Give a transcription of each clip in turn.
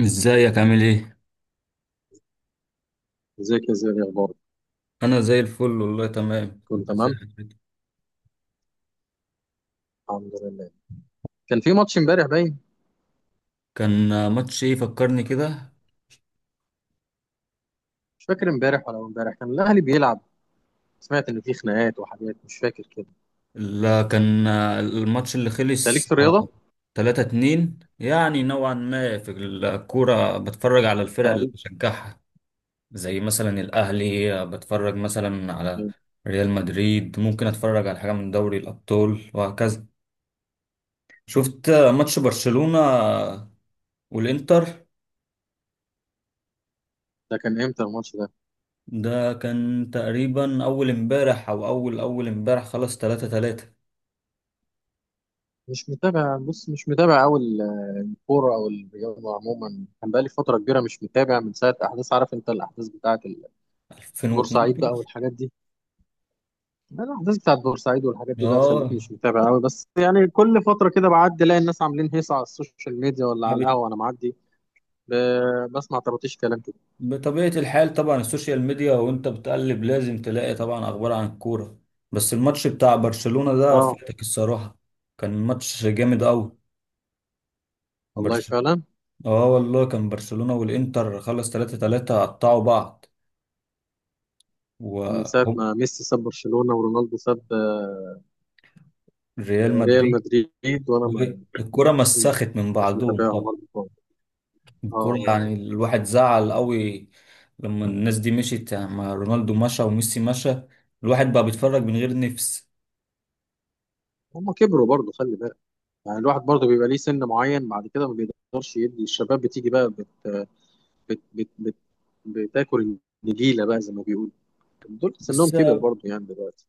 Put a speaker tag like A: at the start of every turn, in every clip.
A: ازيك، عامل ايه؟
B: ازيك يا زياد يا اخبارك.
A: انا زي الفل والله، تمام.
B: كله
A: انت ازاي
B: تمام،
A: حالك؟
B: الحمد لله. كان في ماتش امبارح باين.
A: كان ماتش ايه؟ فكرني كده.
B: مش فاكر امبارح ولا امبارح كان الاهلي بيلعب. سمعت ان في خناقات وحاجات مش فاكر كده.
A: لا، كان الماتش اللي
B: انت ليك
A: خلص
B: في الرياضه؟
A: 3-2. يعني نوعا ما في الكورة بتفرج على الفرق اللي
B: تقريبا.
A: بشجعها، زي مثلا الاهلي، بتفرج مثلا على ريال مدريد، ممكن اتفرج على حاجة من دوري الابطال وهكذا. شفت ماتش برشلونة والانتر.
B: ده كان امتى الماتش ده؟
A: ده كان تقريبا أول امبارح أو أول أول امبارح، خلاص، تلاتة تلاتة،
B: مش متابع، بص مش متابع قوي. الكوره او الرياضه عموما كان بقالي فتره كبيره مش متابع من ساعه احداث، عارف انت الاحداث بتاعه بورسعيد بقى
A: 2012.
B: والحاجات دي. لا، الاحداث بتاعه بورسعيد والحاجات دي بقى
A: اه.
B: خليتني مش متابع قوي، بس يعني كل فتره كده بعدي الاقي الناس عاملين هيصه على السوشيال ميديا ولا على
A: فبت-
B: القهوه انا معدي بسمع طرطيش كلام كده.
A: بطبيعة الحال، طبعا السوشيال ميديا وأنت بتقلب لازم تلاقي طبعا أخبار عن الكورة. بس الماتش بتاع برشلونة ده
B: اه
A: فاتك الصراحة. كان ماتش جامد أوي.
B: والله
A: برش
B: فعلا.
A: اه والله، كان برشلونة والإنتر، خلص تلاتة تلاتة، قطعوا بعض
B: من ساعة
A: وهم
B: ما ميسي ساب برشلونة ورونالدو ساب
A: ريال
B: ريال
A: مدريد.
B: مدريد وانا ما
A: الكرة مسخت من
B: مش
A: بعضهم.
B: متابعهم برضه خالص. اه اه
A: الكورة
B: آه.
A: يعني الواحد زعل قوي لما الناس دي مشيت، يعني ما رونالدو مشى وميسي مشى، الواحد بقى بيتفرج من غير نفس.
B: هم كبروا برضه خلي بالك، يعني الواحد برضه بيبقى ليه سن معين بعد كده ما بيقدرش يدي، الشباب بتيجي بقى بت بتاكل النجيله بقى زي ما بيقولوا. دول سنهم
A: بس
B: كبر برضه يعني دلوقتي.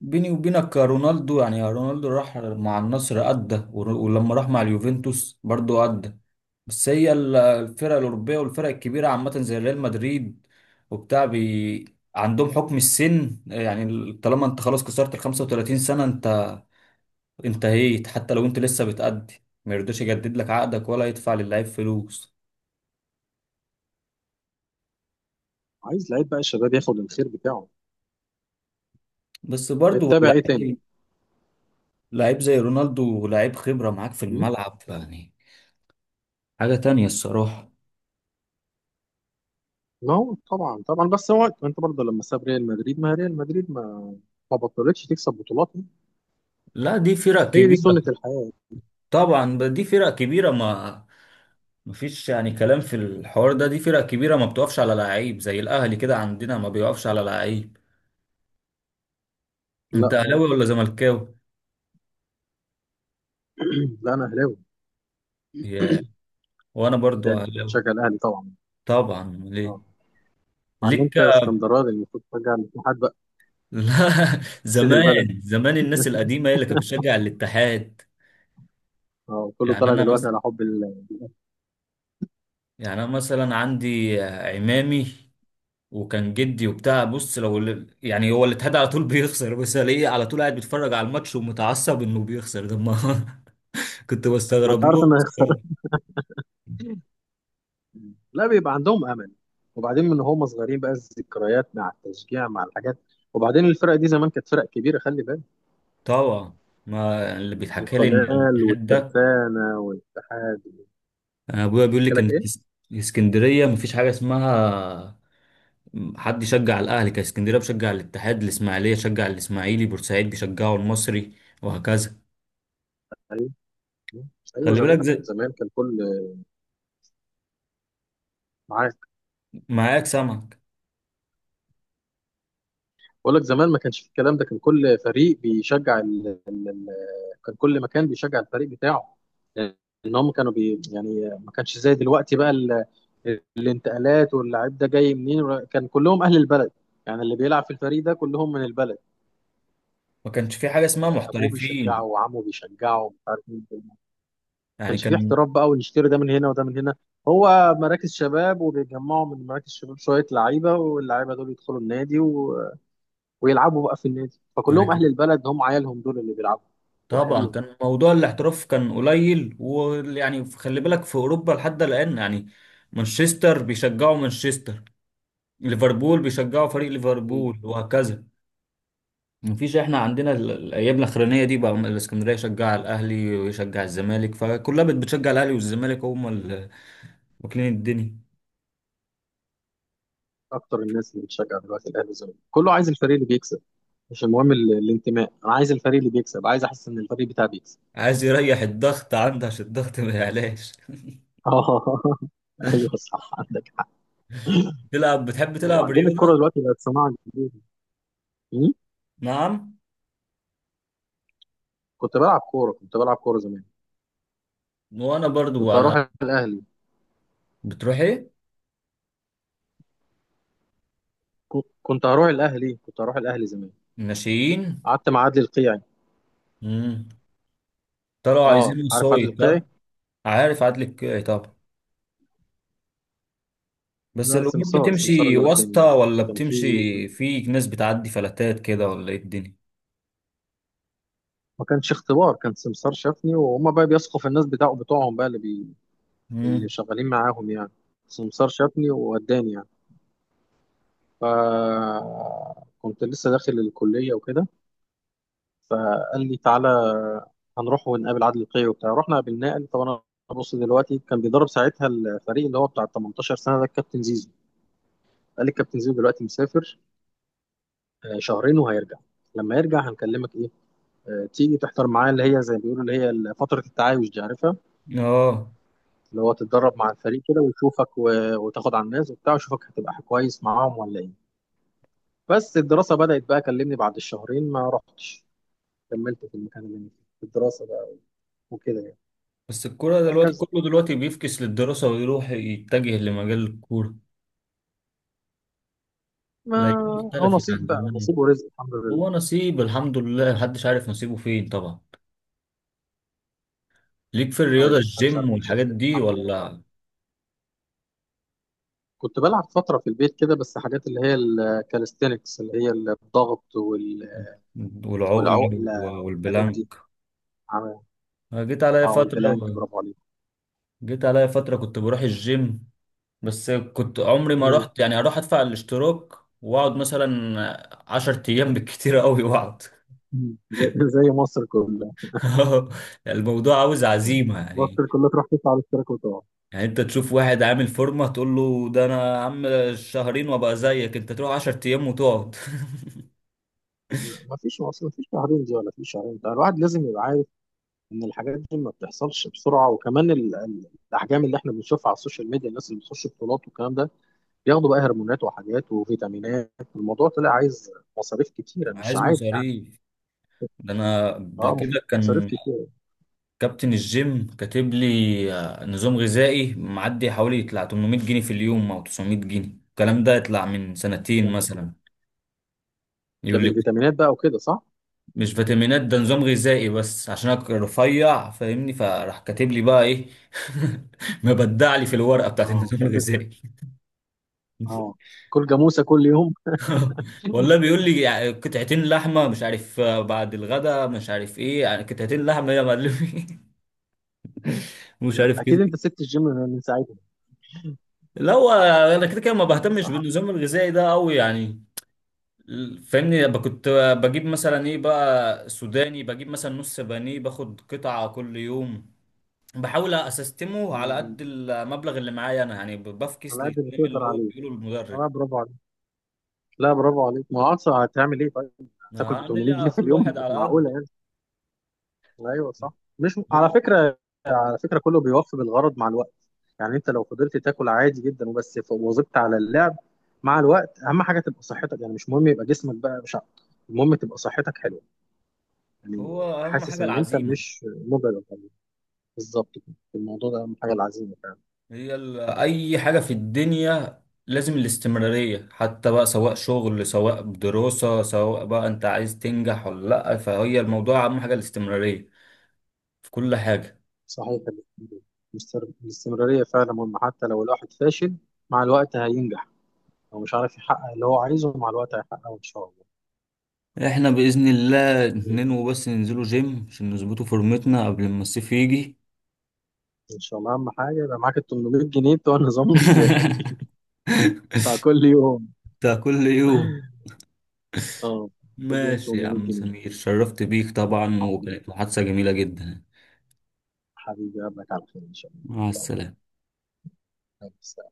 A: بيني وبينك، يا رونالدو، يعني يا رونالدو راح مع النصر أدى ولما راح مع اليوفنتوس برضو أدى. بس هي الفرق الأوروبية والفرق الكبيرة عامة، زي ريال مدريد وبتاع بي، عندهم حكم السن. يعني طالما انت خلاص كسرت ال 35 سنة، انت انتهيت، حتى لو انت لسه بتأدي ما يرضاش يجدد لك عقدك ولا يدفع للعيب فلوس.
B: عايز لعيب بقى الشباب ياخد الخير بتاعه.
A: بس برضو
B: بتتابع ايه تاني؟
A: لعيب، لعيب زي رونالدو، لعيب خبرة معاك في الملعب، يعني حاجة تانية الصراحة.
B: نو طبعا طبعا، بس هو انت برضه لما ساب ريال مدريد، ما ريال مدريد ما بطلتش تكسب بطولات.
A: لا، دي فرق
B: هي دي
A: كبيرة.
B: سنة الحياة.
A: طبعا، دي فرق كبيرة، ما مفيش يعني كلام في الحوار ده، دي فرق كبيرة، ما بتقفش على لعيب. زي الأهلي كده عندنا، ما بيقفش على لعيب.
B: لا
A: أنت
B: طبعا.
A: أهلاوي ولا زملكاوي؟
B: لا انا اهلاوي.
A: يا، وأنا برضو
B: انت
A: أهلاوي.
B: شغال اهلي طبعا.
A: طبعا
B: اه.
A: ليه؟
B: مع ان
A: ليك
B: انت اسكندراني المفروض ترجع الاتحاد بقى،
A: لا،
B: سيد البلد.
A: زمان زمان الناس القديمة هي اللي كانت بتشجع الاتحاد.
B: اه كله
A: يعني
B: طالع
A: أنا
B: دلوقتي
A: مثلا
B: على حب ال...
A: يعني أنا مثلا عندي عمامي، وكان جدي وبتاع. بص، لو يعني هو اللي اتهدى على طول بيخسر، بس الاقيه على طول قاعد بيتفرج على الماتش ومتعصب انه بيخسر ده، ما كنت
B: ما
A: بستغرب
B: انت عارف
A: له.
B: انه هيخسر. لا بيبقى عندهم امل. وبعدين من هم صغيرين بقى الذكريات مع التشجيع مع الحاجات. وبعدين الفرق دي زمان كانت فرق كبيره خلي بالك.
A: طبعا، ما اللي بيتحكى لي ان
B: القنال
A: الاتحاد ده،
B: والترسانه والاتحاد.
A: أنا ابويا بيقول لي
B: احكي لك
A: كانت
B: ايه.
A: اسكندريه مفيش حاجه اسمها حد يشجع الاهلي. كان اسكندريه بشجع الاتحاد، الاسماعيليه شجع الاسماعيلي، بورسعيد بيشجعوا المصري، وهكذا.
B: ايوه
A: خلي بالك،
B: زمان
A: زي
B: زمان كان كل، معاك.
A: معاك سمك.
B: بقول لك زمان ما كانش في الكلام ده، كان كل فريق بيشجع ال... ال... ال... كان كل مكان بيشجع الفريق بتاعه. ان هم كانوا بي... يعني ما كانش زي دلوقتي بقى ال... الانتقالات واللاعب ده جاي منين كان كلهم اهل البلد. يعني اللي بيلعب في الفريق ده كلهم من البلد.
A: ما كانش في حاجه اسمها
B: ابوه بيشجعه
A: محترفين.
B: وعمه بيشجعه مش عارف مين. ما
A: يعني
B: كانش فيه
A: كان،
B: احتراف بقى ونشتري ده من هنا وده من هنا. هو مراكز شباب وبيجمعوا من مراكز شباب شويه لعيبه، واللعيبه دول يدخلوا النادي و... ويلعبوا بقى في النادي،
A: يعني
B: فكلهم اهل البلد هم عيالهم دول اللي بيلعبوا
A: طبعا
B: واهاليهم.
A: كان موضوع الاحتراف كان قليل، ويعني خلي بالك، في اوروبا لحد الان يعني مانشستر بيشجعوا مانشستر، ليفربول بيشجعوا فريق
B: مم.
A: ليفربول، وهكذا. مفيش. احنا عندنا الايام الاخرانيه دي بقى، الاسكندريه يشجع الاهلي ويشجع الزمالك، فكلها بتشجع الاهلي والزمالك، هم اللي واكلين الدنيا.
B: اكتر الناس اللي بتشجع دلوقتي الاهلي والزمالك كله عايز الفريق اللي بيكسب. مش المهم الانتماء، انا عايز الفريق اللي بيكسب، عايز احس ان الفريق بتاعي بيكسب.
A: عايز يريح الضغط عنده عشان الضغط ما يعلاش.
B: اه ايوه صح عندك حق.
A: تلعب، بتحب تلعب
B: وبعدين الكوره
A: رياضه؟
B: دلوقتي بقت صناعه جديده. مم؟
A: نعم.
B: كنت بلعب كوره، كنت بلعب كوره زمان.
A: وانا برضو
B: كنت
A: انا
B: هروح الاهلي.
A: بتروح ايه؟
B: كنت هروح الاهلي، كنت هروح الاهلي زمان.
A: ناشئين.
B: قعدت مع عدلي القيعي.
A: طلعوا
B: اه
A: عايزين
B: عارف عدلي
A: وسايط،
B: القيعي.
A: ها. عارف عدل الكيعي طبعا. بس
B: لا
A: الامور
B: سمسار، سمسار
A: بتمشي
B: اللي وداني.
A: واسطه، ولا
B: كان في،
A: بتمشي في ناس بتعدي فلتات كده، ولا ايه الدنيا؟
B: ما كانش اختبار، كان سمسار شافني وهما بقى بيثقوا في الناس بتاعه بتوعهم بقى اللي بي... اللي
A: امم،
B: شغالين معاهم يعني. سمسار شافني ووداني يعني. فكنت لسه داخل الكلية وكده، فقال لي تعالى هنروح ونقابل عادل القيعي وبتاع. رحنا قابلناه قال لي طب انا، بص دلوقتي كان بيدرب ساعتها الفريق اللي هو بتاع 18 سنة ده الكابتن زيزو. قال لي الكابتن زيزو دلوقتي مسافر شهرين وهيرجع، لما يرجع هنكلمك ايه تيجي تحضر معاه، اللي هي زي ما بيقولوا، اللي هي فترة التعايش دي عارفها.
A: اه.
B: اللي هو تتدرب مع الفريق كده ويشوفك و... وتاخد على الناس وبتاع ويشوفك هتبقى كويس معاهم ولا ايه. بس الدراسة بدأت بقى، كلمني بعد الشهرين ما رحتش، كملت في المكان اللي أنا فيه في الدراسة بقى وكده يعني،
A: بس الكوره دلوقتي
B: وهكذا.
A: كله دلوقتي بيفكس للدراسه ويروح يتجه لمجال الكوره.
B: ما
A: لا،
B: هو
A: اختلفت عن
B: نصيب بقى،
A: زمان.
B: نصيب ورزق الحمد لله.
A: هو نصيب، الحمد لله. محدش عارف نصيبه فين طبعا. ليك في الرياضه،
B: ايوه محدش
A: الجيم
B: عارف الخير
A: والحاجات
B: فين،
A: دي
B: الحمد لله رب العالمين.
A: ولا؟
B: كنت بلعب فترة في البيت كده، بس حاجات اللي هي الكاليستينكس، اللي هي الضغط وال...
A: والعقله
B: والعقلة والحاجات دي.
A: والبلانك.
B: عمل-
A: أنا جيت عليا
B: اه
A: فتره
B: والبلانك، برافو عليك.
A: جيت عليا فتره كنت بروح الجيم. بس كنت عمري ما
B: مم.
A: رحت، يعني اروح ادفع الاشتراك واقعد مثلا عشر ايام بالكتير قوي واقعد.
B: مم. زي زي مصر كلها.
A: الموضوع عاوز عزيمة يعني.
B: مصر كلها تروح تدفع على الاشتراك وتقع.
A: يعني انت تشوف واحد عامل فورمة، تقول له ده انا يا عم شهرين وابقى زيك، انت تروح عشر ايام وتقعد.
B: ما فيش مصر ما فيش شهرين دي، ولا في شهرين ده، الواحد لازم يبقى عارف ان الحاجات دي ما بتحصلش بسرعه. وكمان الاحجام اللي احنا بنشوفها على السوشيال ميديا، الناس اللي بتخش بطولات والكلام ده بياخدوا بقى هرمونات وحاجات وفيتامينات. الموضوع طلع عايز مصاريف كتيره مش
A: عايز
B: عادي يعني.
A: مصاريف. ده انا قبل
B: اه
A: كده
B: مصاريف
A: كان
B: كتيره.
A: كابتن الجيم كاتب لي، آه، نظام غذائي، معدي حوالي يطلع 800 جنيه في اليوم او 900 جنيه، الكلام ده يطلع من سنتين
B: يعني
A: مثلا.
B: ده
A: يقول لي،
B: بالفيتامينات بقى وكده صح؟
A: مش فيتامينات، ده نظام غذائي، بس عشان انا رفيع فاهمني، فراح كاتب لي بقى ايه مبدع لي في الورقه بتاعت
B: اه
A: النظام
B: عشان تدفع.
A: الغذائي.
B: اه كل جاموسه كل يوم.
A: والله بيقول لي، قطعتين لحمه مش عارف آه، بعد الغداء مش عارف ايه، يعني قطعتين لحمه يا معلمي مش عارف
B: اكيد
A: كده.
B: انت سبت الجيم من ساعتها.
A: لا، هو انا كده كده ما بهتمش
B: صعب.
A: بالنظام الغذائي ده قوي يعني. فاهمني، كنت بجيب مثلا ايه بقى، سوداني، بجيب مثلا نص بانيه، باخد قطعه كل يوم، بحاول اسستمه
B: م-
A: على
B: م.
A: قد المبلغ اللي معايا انا. يعني بفكس
B: على قد ما
A: للكلام اللي
B: تقدر
A: هو
B: عليه.
A: بيقوله
B: اه
A: المدرب.
B: برافو عليك. لا برافو عليك، ما هو اصلا هتعمل ايه طيب؟ هتاكل ب
A: هعمل ايه؟
B: 800 جنيه
A: على
B: في
A: كل
B: اليوم؟
A: واحد
B: مش
A: على قد
B: معقوله يعني. ايوه صح. مش على
A: هي-
B: فكره، على فكره كله بيوفي بالغرض مع الوقت. يعني انت لو فضلت تاكل عادي جدا وبس وظبطت على اللعب، مع الوقت اهم حاجه تبقى صحتك. يعني مش مهم يبقى جسمك بقى مش المهم تبقى صحتك حلوه
A: هو.
B: يعني.
A: اهم
B: حاسس
A: حاجه
B: ان انت
A: العزيمه.
B: مش مجرد يعني، بالظبط كده، الموضوع ده اهم حاجه العزيمه فعلا.
A: هي ال... اي حاجه في الدنيا لازم الاستمراريه، حتى بقى سواء شغل، سواء دراسه، سواء بقى انت عايز تنجح ولا لا، فهي الموضوع اهم حاجه الاستمراريه في كل حاجه.
B: صحيح، الاستمراريه فعلا مهمه. حتى لو الواحد فاشل مع الوقت هينجح. هو مش عارف يحقق اللي هو عايزه، مع الوقت هيحققه إن شاء الله.
A: احنا باذن الله ننوي بس ننزلوا جيم عشان نظبطوا فورمتنا قبل ما الصيف يجي.
B: إن شاء الله أهم حاجة يبقى معاك ال 800 جنيه بتوع النظام الغذائي بتاع كل يوم.
A: بتاع كل يوم.
B: أه كل يوم
A: ماشي يا
B: 800
A: عم
B: جنيه
A: سمير، شرفت بيك طبعا،
B: حبيبي،
A: وكانت محادثة جميلة جدا.
B: حبيبي أقابلك على خير إن شاء الله،
A: مع
B: إن شاء
A: السلامة.
B: الله.